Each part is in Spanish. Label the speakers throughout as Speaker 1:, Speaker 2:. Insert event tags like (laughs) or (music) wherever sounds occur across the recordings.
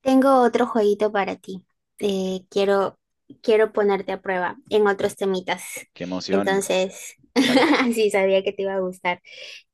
Speaker 1: Tengo otro jueguito para ti. Eh, quiero, quiero ponerte a prueba en otros temitas.
Speaker 2: Qué emoción.
Speaker 1: Entonces,
Speaker 2: Dale,
Speaker 1: (laughs) sí, sabía que te iba a gustar.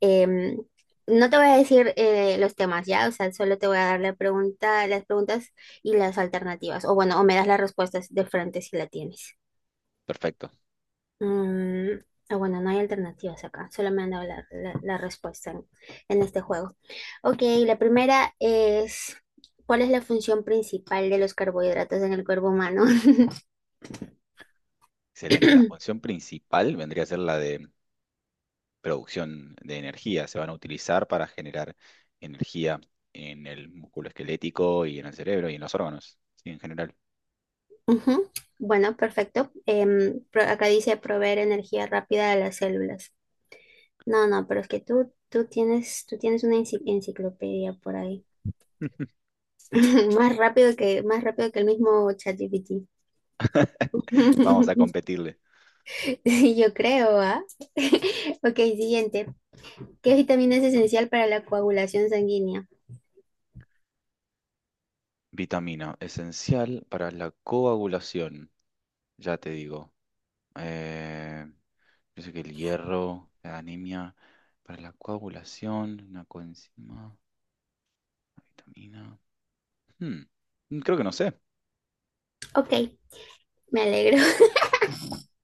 Speaker 1: Em, no te voy a decir los temas, ¿ya? O sea, solo te voy a dar la pregunta, las preguntas y las alternativas. O bueno, o me das las respuestas de frente si la tienes.
Speaker 2: perfecto.
Speaker 1: Mm, ah, bueno, no hay alternativas acá, solo me han dado la respuesta en este juego. Ok, la primera es, ¿cuál es la función principal de los carbohidratos en el cuerpo humano? (coughs)
Speaker 2: Excelente. La
Speaker 1: (laughs)
Speaker 2: función principal vendría a ser la de producción de energía. Se van a utilizar para generar energía en el músculo esquelético y en el cerebro y en los órganos, sí, en general.
Speaker 1: Ujú. Bueno, perfecto. Em, acá dice proveer energía rápida a las células. No, no, pero es que tú tienes una enciclopedia por ahí. (laughs) Más rápido más rápido que el mismo ChatGPT.
Speaker 2: (laughs) Vamos a
Speaker 1: (laughs)
Speaker 2: competirle.
Speaker 1: Sí, yo creo, ¿ah? (laughs) Ok, siguiente. ¿Qué vitamina es esencial para la coagulación sanguínea?
Speaker 2: Vitamina, esencial para la coagulación. Ya te digo. Eh, yo sé que el hierro, la anemia, para la coagulación, una coenzima, una vitamina. Hmm, Creo que no sé.
Speaker 1: Ok, me alegro.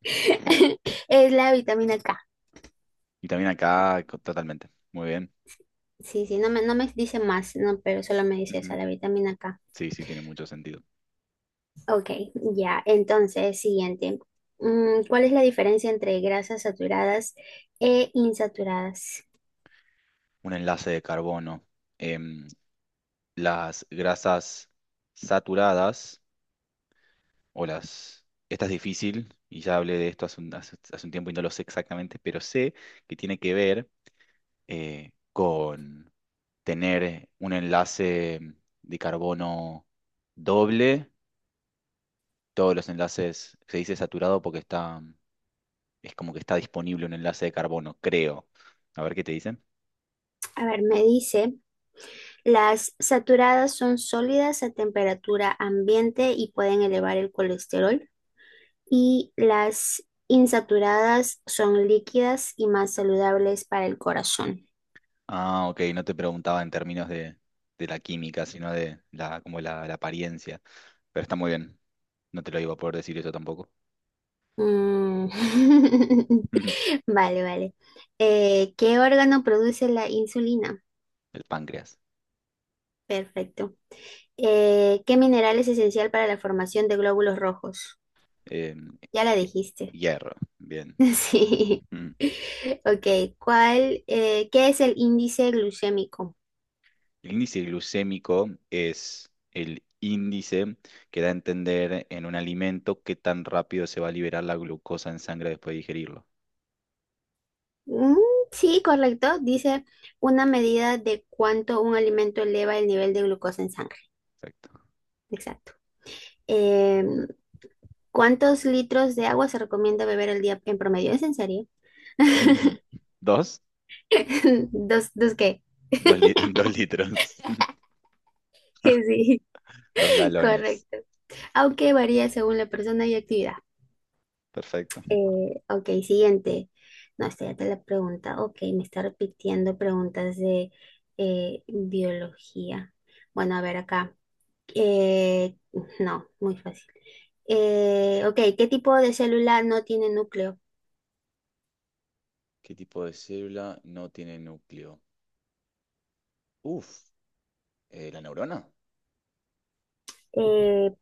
Speaker 1: (laughs) Es la vitamina K.
Speaker 2: Y también acá, totalmente. Muy bien.
Speaker 1: Sí, sí, no me dice más, no, pero solo me dice
Speaker 2: Ujú.
Speaker 1: esa, la vitamina K.
Speaker 2: Sí, sí, tiene mucho sentido.
Speaker 1: Ok, ya. Entonces, siguiente. Mm, ¿cuál es la diferencia entre grasas saturadas e insaturadas?
Speaker 2: Un enlace de carbono. Em, las grasas saturadas o las... Esta es difícil y ya hablé de esto hace un tiempo y no lo sé exactamente, pero sé que tiene que ver con tener un enlace de carbono doble. Todos los enlaces se dice saturado porque está... es como que está disponible un enlace de carbono, creo. A ver qué te dicen.
Speaker 1: A ver, me dice, las saturadas son sólidas a temperatura ambiente y pueden elevar el colesterol y las insaturadas son líquidas y más saludables para el corazón.
Speaker 2: Ah, ok, no te preguntaba en términos de la química, sino de la apariencia. Pero está muy bien. No te lo iba a poder decir eso tampoco.
Speaker 1: Mm. (laughs)
Speaker 2: (laughs) El
Speaker 1: Vale, vale. ¿Qué órgano produce la insulina?
Speaker 2: páncreas.
Speaker 1: Perfecto. ¿Qué mineral es esencial para la formación de glóbulos rojos?
Speaker 2: Em,
Speaker 1: Ya la dijiste.
Speaker 2: hierro, bien.
Speaker 1: (laughs) Sí.
Speaker 2: Mm.
Speaker 1: Ok, ¿qué es el índice glucémico?
Speaker 2: El índice glucémico es el índice que da a entender en un alimento qué tan rápido se va a liberar la glucosa en sangre después de digerirlo.
Speaker 1: Mm, sí, correcto. Dice una medida de cuánto un alimento eleva el nivel de glucosa en sangre.
Speaker 2: Exacto.
Speaker 1: Exacto. Eh, ¿Cuántos litros de agua se recomienda beber al día en promedio? ¿Es en serio? (laughs)
Speaker 2: (laughs) Dos.
Speaker 1: ¿Dos, dos qué?
Speaker 2: Dos, (laughs) dos litros,
Speaker 1: (laughs) Sí,
Speaker 2: (laughs) dos galones.
Speaker 1: correcto. Aunque varía según la persona y actividad.
Speaker 2: Perfecto.
Speaker 1: Ok, siguiente. No, esta ya te la pregunta. Ok, me está repitiendo preguntas de biología. Bueno, a ver acá. Eh, no, muy fácil. Ok, ¿qué tipo de célula no tiene núcleo?
Speaker 2: ¿Qué tipo de célula no tiene núcleo? Uf, ¿la neurona?
Speaker 1: Eh,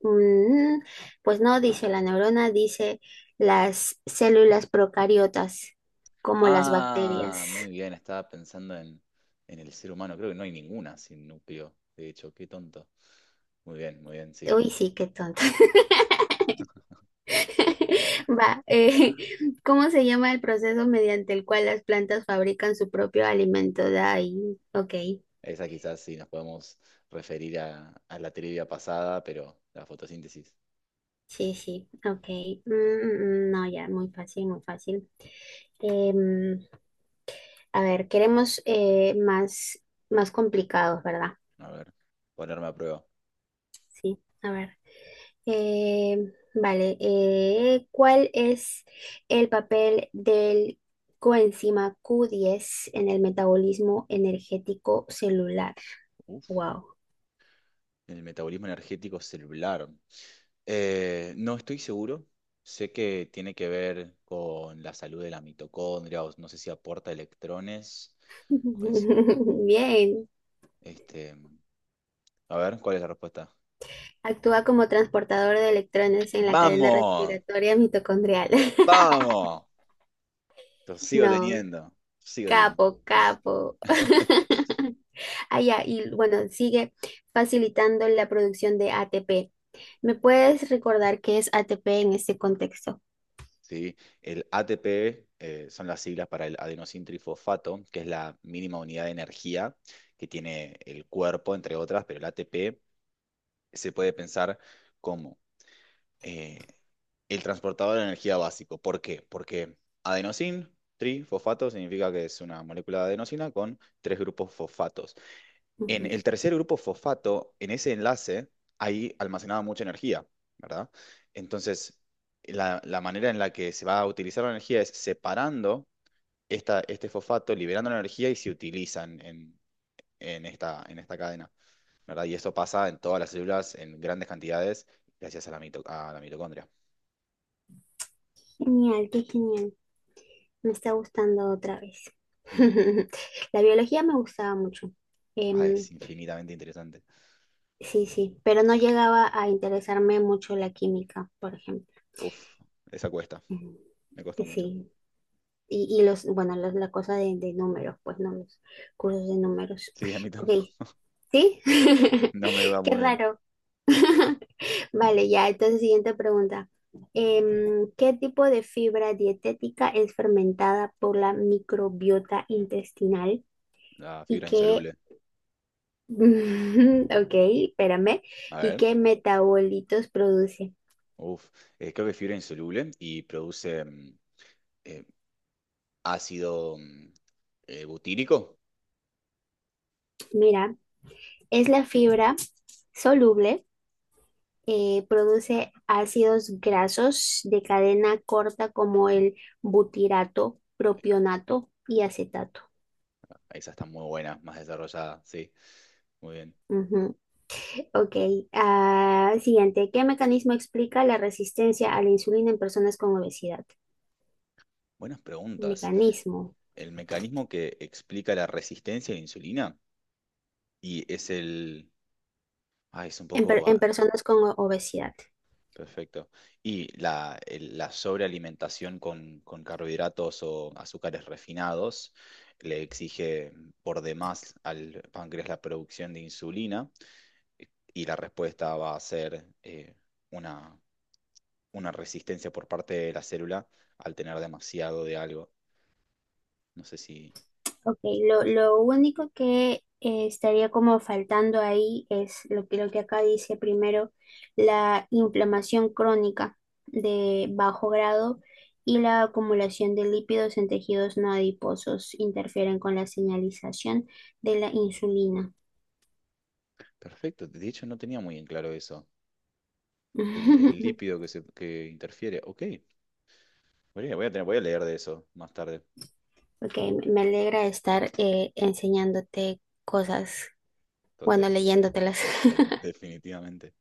Speaker 1: Mm, pues no dice la neurona, dice las células procariotas, como las bacterias.
Speaker 2: Ah, muy bien, estaba pensando en el ser humano. Creo que no hay ninguna sin núcleo, de hecho, qué tonto. Muy bien, sí.
Speaker 1: Uy, sí, qué tonto. (laughs) Va, ¿cómo se llama el proceso mediante el cual las plantas fabrican su propio alimento? De ahí, ok,
Speaker 2: Esa quizás sí nos podemos referir a la trivia pasada, pero la fotosíntesis.
Speaker 1: sí, sí, ok. Mm, mm, mm, no, ya, muy fácil, muy fácil. Em, a ver, queremos más complicados, ¿verdad?
Speaker 2: A ver, ponerme a prueba.
Speaker 1: Sí, a ver. Vale, ¿Cuál es el papel del coenzima Q10 en el metabolismo energético celular?
Speaker 2: Uf.
Speaker 1: Wow.
Speaker 2: En el metabolismo energético celular. No estoy seguro. Sé que tiene que ver con la salud de la mitocondria, o no sé si aporta electrones, coenzima.
Speaker 1: (laughs) Bien.
Speaker 2: Este, a ver, ¿cuál es la respuesta?
Speaker 1: Actúa como transportador de electrones en la cadena
Speaker 2: ¡Vamos!
Speaker 1: respiratoria mitocondrial. (laughs)
Speaker 2: ¡Vamos! Lo sigo
Speaker 1: No,
Speaker 2: teniendo. Sigo teniendo.
Speaker 1: capo, capo.
Speaker 2: (laughs)
Speaker 1: (laughs) Ah, ya, y bueno, sigue facilitando la producción de ATP. ¿Me puedes recordar qué es ATP en este contexto?
Speaker 2: Sí, el ATP son las siglas para el adenosín trifosfato, que es la mínima unidad de energía que tiene el cuerpo, entre otras, pero el ATP se puede pensar como eh, el transportador de energía básico. ¿Por qué? Porque adenosin, trifosfato, significa que es una molécula de adenosina con tres grupos fosfatos. En
Speaker 1: Ujú.
Speaker 2: el tercer grupo fosfato, en ese enlace, hay almacenada mucha energía, ¿verdad? Entonces, la manera en la que se va a utilizar la energía es separando este fosfato, liberando la energía y se utilizan en esta cadena. ¿Verdad? Y esto pasa en todas las células en grandes cantidades gracias a a la mitocondria.
Speaker 1: Genial, qué genial. Me está gustando otra vez.
Speaker 2: Mm.
Speaker 1: (laughs) La biología me gustaba mucho.
Speaker 2: Ah,
Speaker 1: Em,
Speaker 2: es infinitamente interesante.
Speaker 1: sí, sí, pero no llegaba a interesarme mucho la química, por ejemplo.
Speaker 2: Uf, esa cuesta,
Speaker 1: Ujú.
Speaker 2: me costó mucho.
Speaker 1: Sí, y los, bueno, la cosa de números, pues no, los cursos de números.
Speaker 2: Sí, a mí
Speaker 1: Ok,
Speaker 2: tampoco. (laughs)
Speaker 1: ¿sí? (laughs)
Speaker 2: No me va
Speaker 1: Qué
Speaker 2: muy bien.
Speaker 1: raro. (laughs) Vale, ya, entonces siguiente pregunta. Em, ¿qué tipo de fibra dietética es fermentada por la microbiota intestinal?
Speaker 2: La
Speaker 1: Y
Speaker 2: fibra
Speaker 1: qué,
Speaker 2: insoluble.
Speaker 1: (laughs) ok, espérame,
Speaker 2: A
Speaker 1: y
Speaker 2: ver,
Speaker 1: qué metabolitos produce.
Speaker 2: uf, creo que fibra insoluble y produce eh, ácido butírico.
Speaker 1: Mira, es la fibra soluble, produce ácidos grasos de cadena corta como el butirato, propionato y acetato.
Speaker 2: Esa está muy buena, más desarrollada, sí. Muy bien.
Speaker 1: Ujú. Ok, ah, siguiente, ¿qué mecanismo explica la resistencia a la insulina en personas con obesidad?
Speaker 2: Buenas preguntas.
Speaker 1: Mecanismo
Speaker 2: El mecanismo que explica la resistencia a la insulina y es el... Ah, es un
Speaker 1: en
Speaker 2: poco...
Speaker 1: en
Speaker 2: ah,
Speaker 1: personas con obesidad.
Speaker 2: perfecto. ¿Y la, la sobrealimentación con carbohidratos o azúcares refinados le exige por demás al páncreas la producción de insulina? Y la respuesta va a ser una, una resistencia por parte de la célula al tener demasiado de algo. No sé si...
Speaker 1: Ok, lo único que estaría como faltando ahí es lo lo que acá dice primero, la inflamación crónica de bajo grado y la acumulación de lípidos en tejidos no adiposos interfieren con la señalización de la insulina.
Speaker 2: Perfecto. De hecho, no tenía muy en claro eso. El
Speaker 1: (laughs)
Speaker 2: lípido que, se, que interfiere. Ok. Voy a leer de eso más tarde.
Speaker 1: Ok, me alegra estar enseñándote cosas,
Speaker 2: to-
Speaker 1: bueno,
Speaker 2: de-
Speaker 1: leyéndotelas. (laughs)
Speaker 2: definitivamente.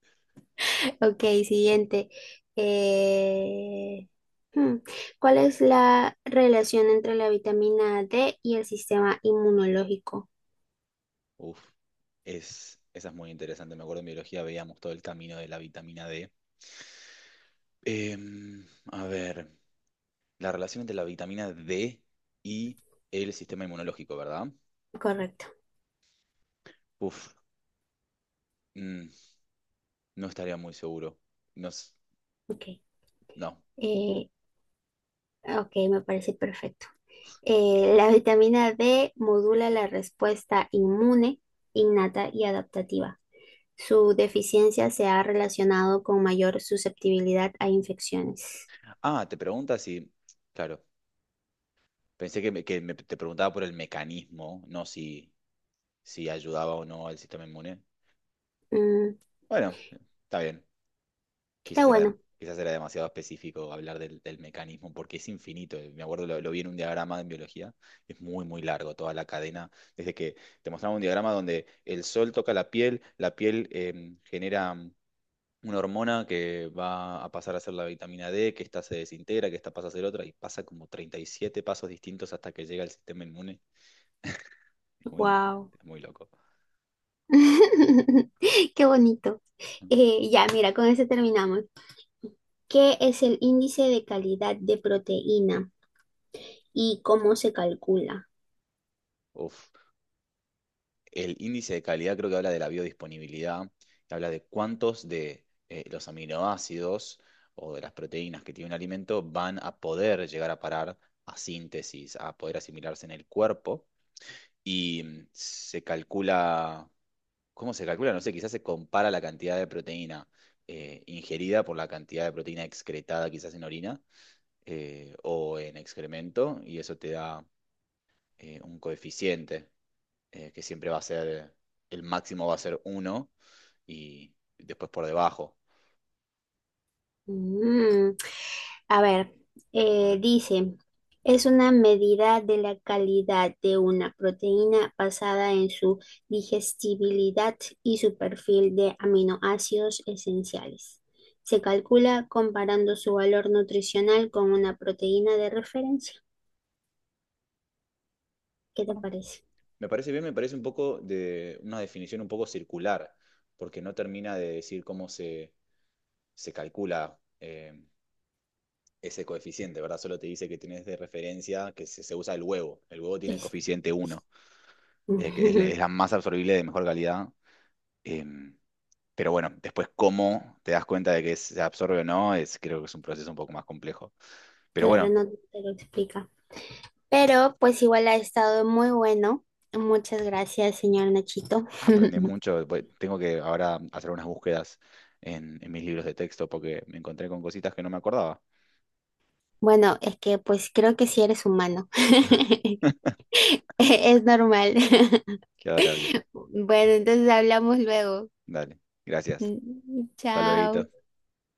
Speaker 1: Ok, siguiente. Eh, hmm, ¿cuál es la relación entre la vitamina D y el sistema inmunológico?
Speaker 2: Uf, es, esa es muy interesante. Me acuerdo en biología veíamos todo el camino de la vitamina D. Em, a ver, la relación entre la vitamina D y el sistema inmunológico, ¿verdad?
Speaker 1: Correcto.
Speaker 2: Uf, mm, no estaría muy seguro. No,
Speaker 1: Ok.
Speaker 2: no.
Speaker 1: Eh, ok, me parece perfecto. La vitamina D modula la respuesta inmune, innata y adaptativa. Su deficiencia se ha relacionado con mayor susceptibilidad a infecciones.
Speaker 2: Ah, te preguntas si... Claro, pensé que, te preguntaba por el mecanismo, no si, si ayudaba o no al sistema inmune.
Speaker 1: Mm,
Speaker 2: Bueno, está bien.
Speaker 1: está bueno.
Speaker 2: Quizás era demasiado específico hablar del mecanismo porque es infinito. Me acuerdo, lo vi en un diagrama en biología, es muy, muy largo toda la cadena. Desde que te mostraba un diagrama donde el sol toca la piel genera una hormona que va a pasar a ser la vitamina D, que esta se desintegra, que esta pasa a ser otra, y pasa como 37 pasos distintos hasta que llega al sistema inmune. Es muy,
Speaker 1: Wow.
Speaker 2: es muy loco.
Speaker 1: (laughs) Qué bonito. Ya, mira, con eso terminamos. ¿Qué es el índice de calidad de proteína y cómo se calcula?
Speaker 2: Uf. El índice de calidad creo que habla de la biodisponibilidad, que habla de cuántos de los aminoácidos o de las proteínas que tiene un alimento van a poder llegar a parar a síntesis, a poder asimilarse en el cuerpo. Y se calcula, ¿cómo se calcula? No sé, quizás se compara la cantidad de proteína ingerida por la cantidad de proteína excretada quizás en orina o en excremento, y eso te da un coeficiente que siempre va a ser, el máximo va a ser uno y después por debajo.
Speaker 1: Mm, a ver,
Speaker 2: A ver.
Speaker 1: dice, es una medida de la calidad de una proteína basada en su digestibilidad y su perfil de aminoácidos esenciales. Se calcula comparando su valor nutricional con una proteína de referencia. ¿Qué te parece?
Speaker 2: Me parece bien, me parece un poco de una definición un poco circular, porque no termina de decir cómo se calcula ese coeficiente, ¿verdad? Solo te dice que tienes de referencia que se usa el huevo. El huevo tiene el
Speaker 1: Es-
Speaker 2: coeficiente uno que es, es
Speaker 1: Ujú. (laughs)
Speaker 2: la más absorbible de mejor calidad. em, pero bueno, después cómo te das cuenta de que se absorbe o no, es, creo que es un proceso un poco más complejo. Pero
Speaker 1: Claro,
Speaker 2: bueno,
Speaker 1: no te lo explica. Pero pues igual ha estado muy bueno. Muchas gracias, señor Nachito.
Speaker 2: aprendí
Speaker 1: (laughs)
Speaker 2: mucho. Tengo que ahora hacer unas búsquedas en mis libros de texto porque me encontré con cositas que no me acordaba.
Speaker 1: Bueno, es que pues creo que sí eres humano. (laughs)
Speaker 2: (laughs)
Speaker 1: Es normal. (laughs)
Speaker 2: Qué adorable.
Speaker 1: Bueno, entonces hablamos luego.
Speaker 2: Dale. Gracias.
Speaker 1: Mm,
Speaker 2: Hasta luego.
Speaker 1: chao.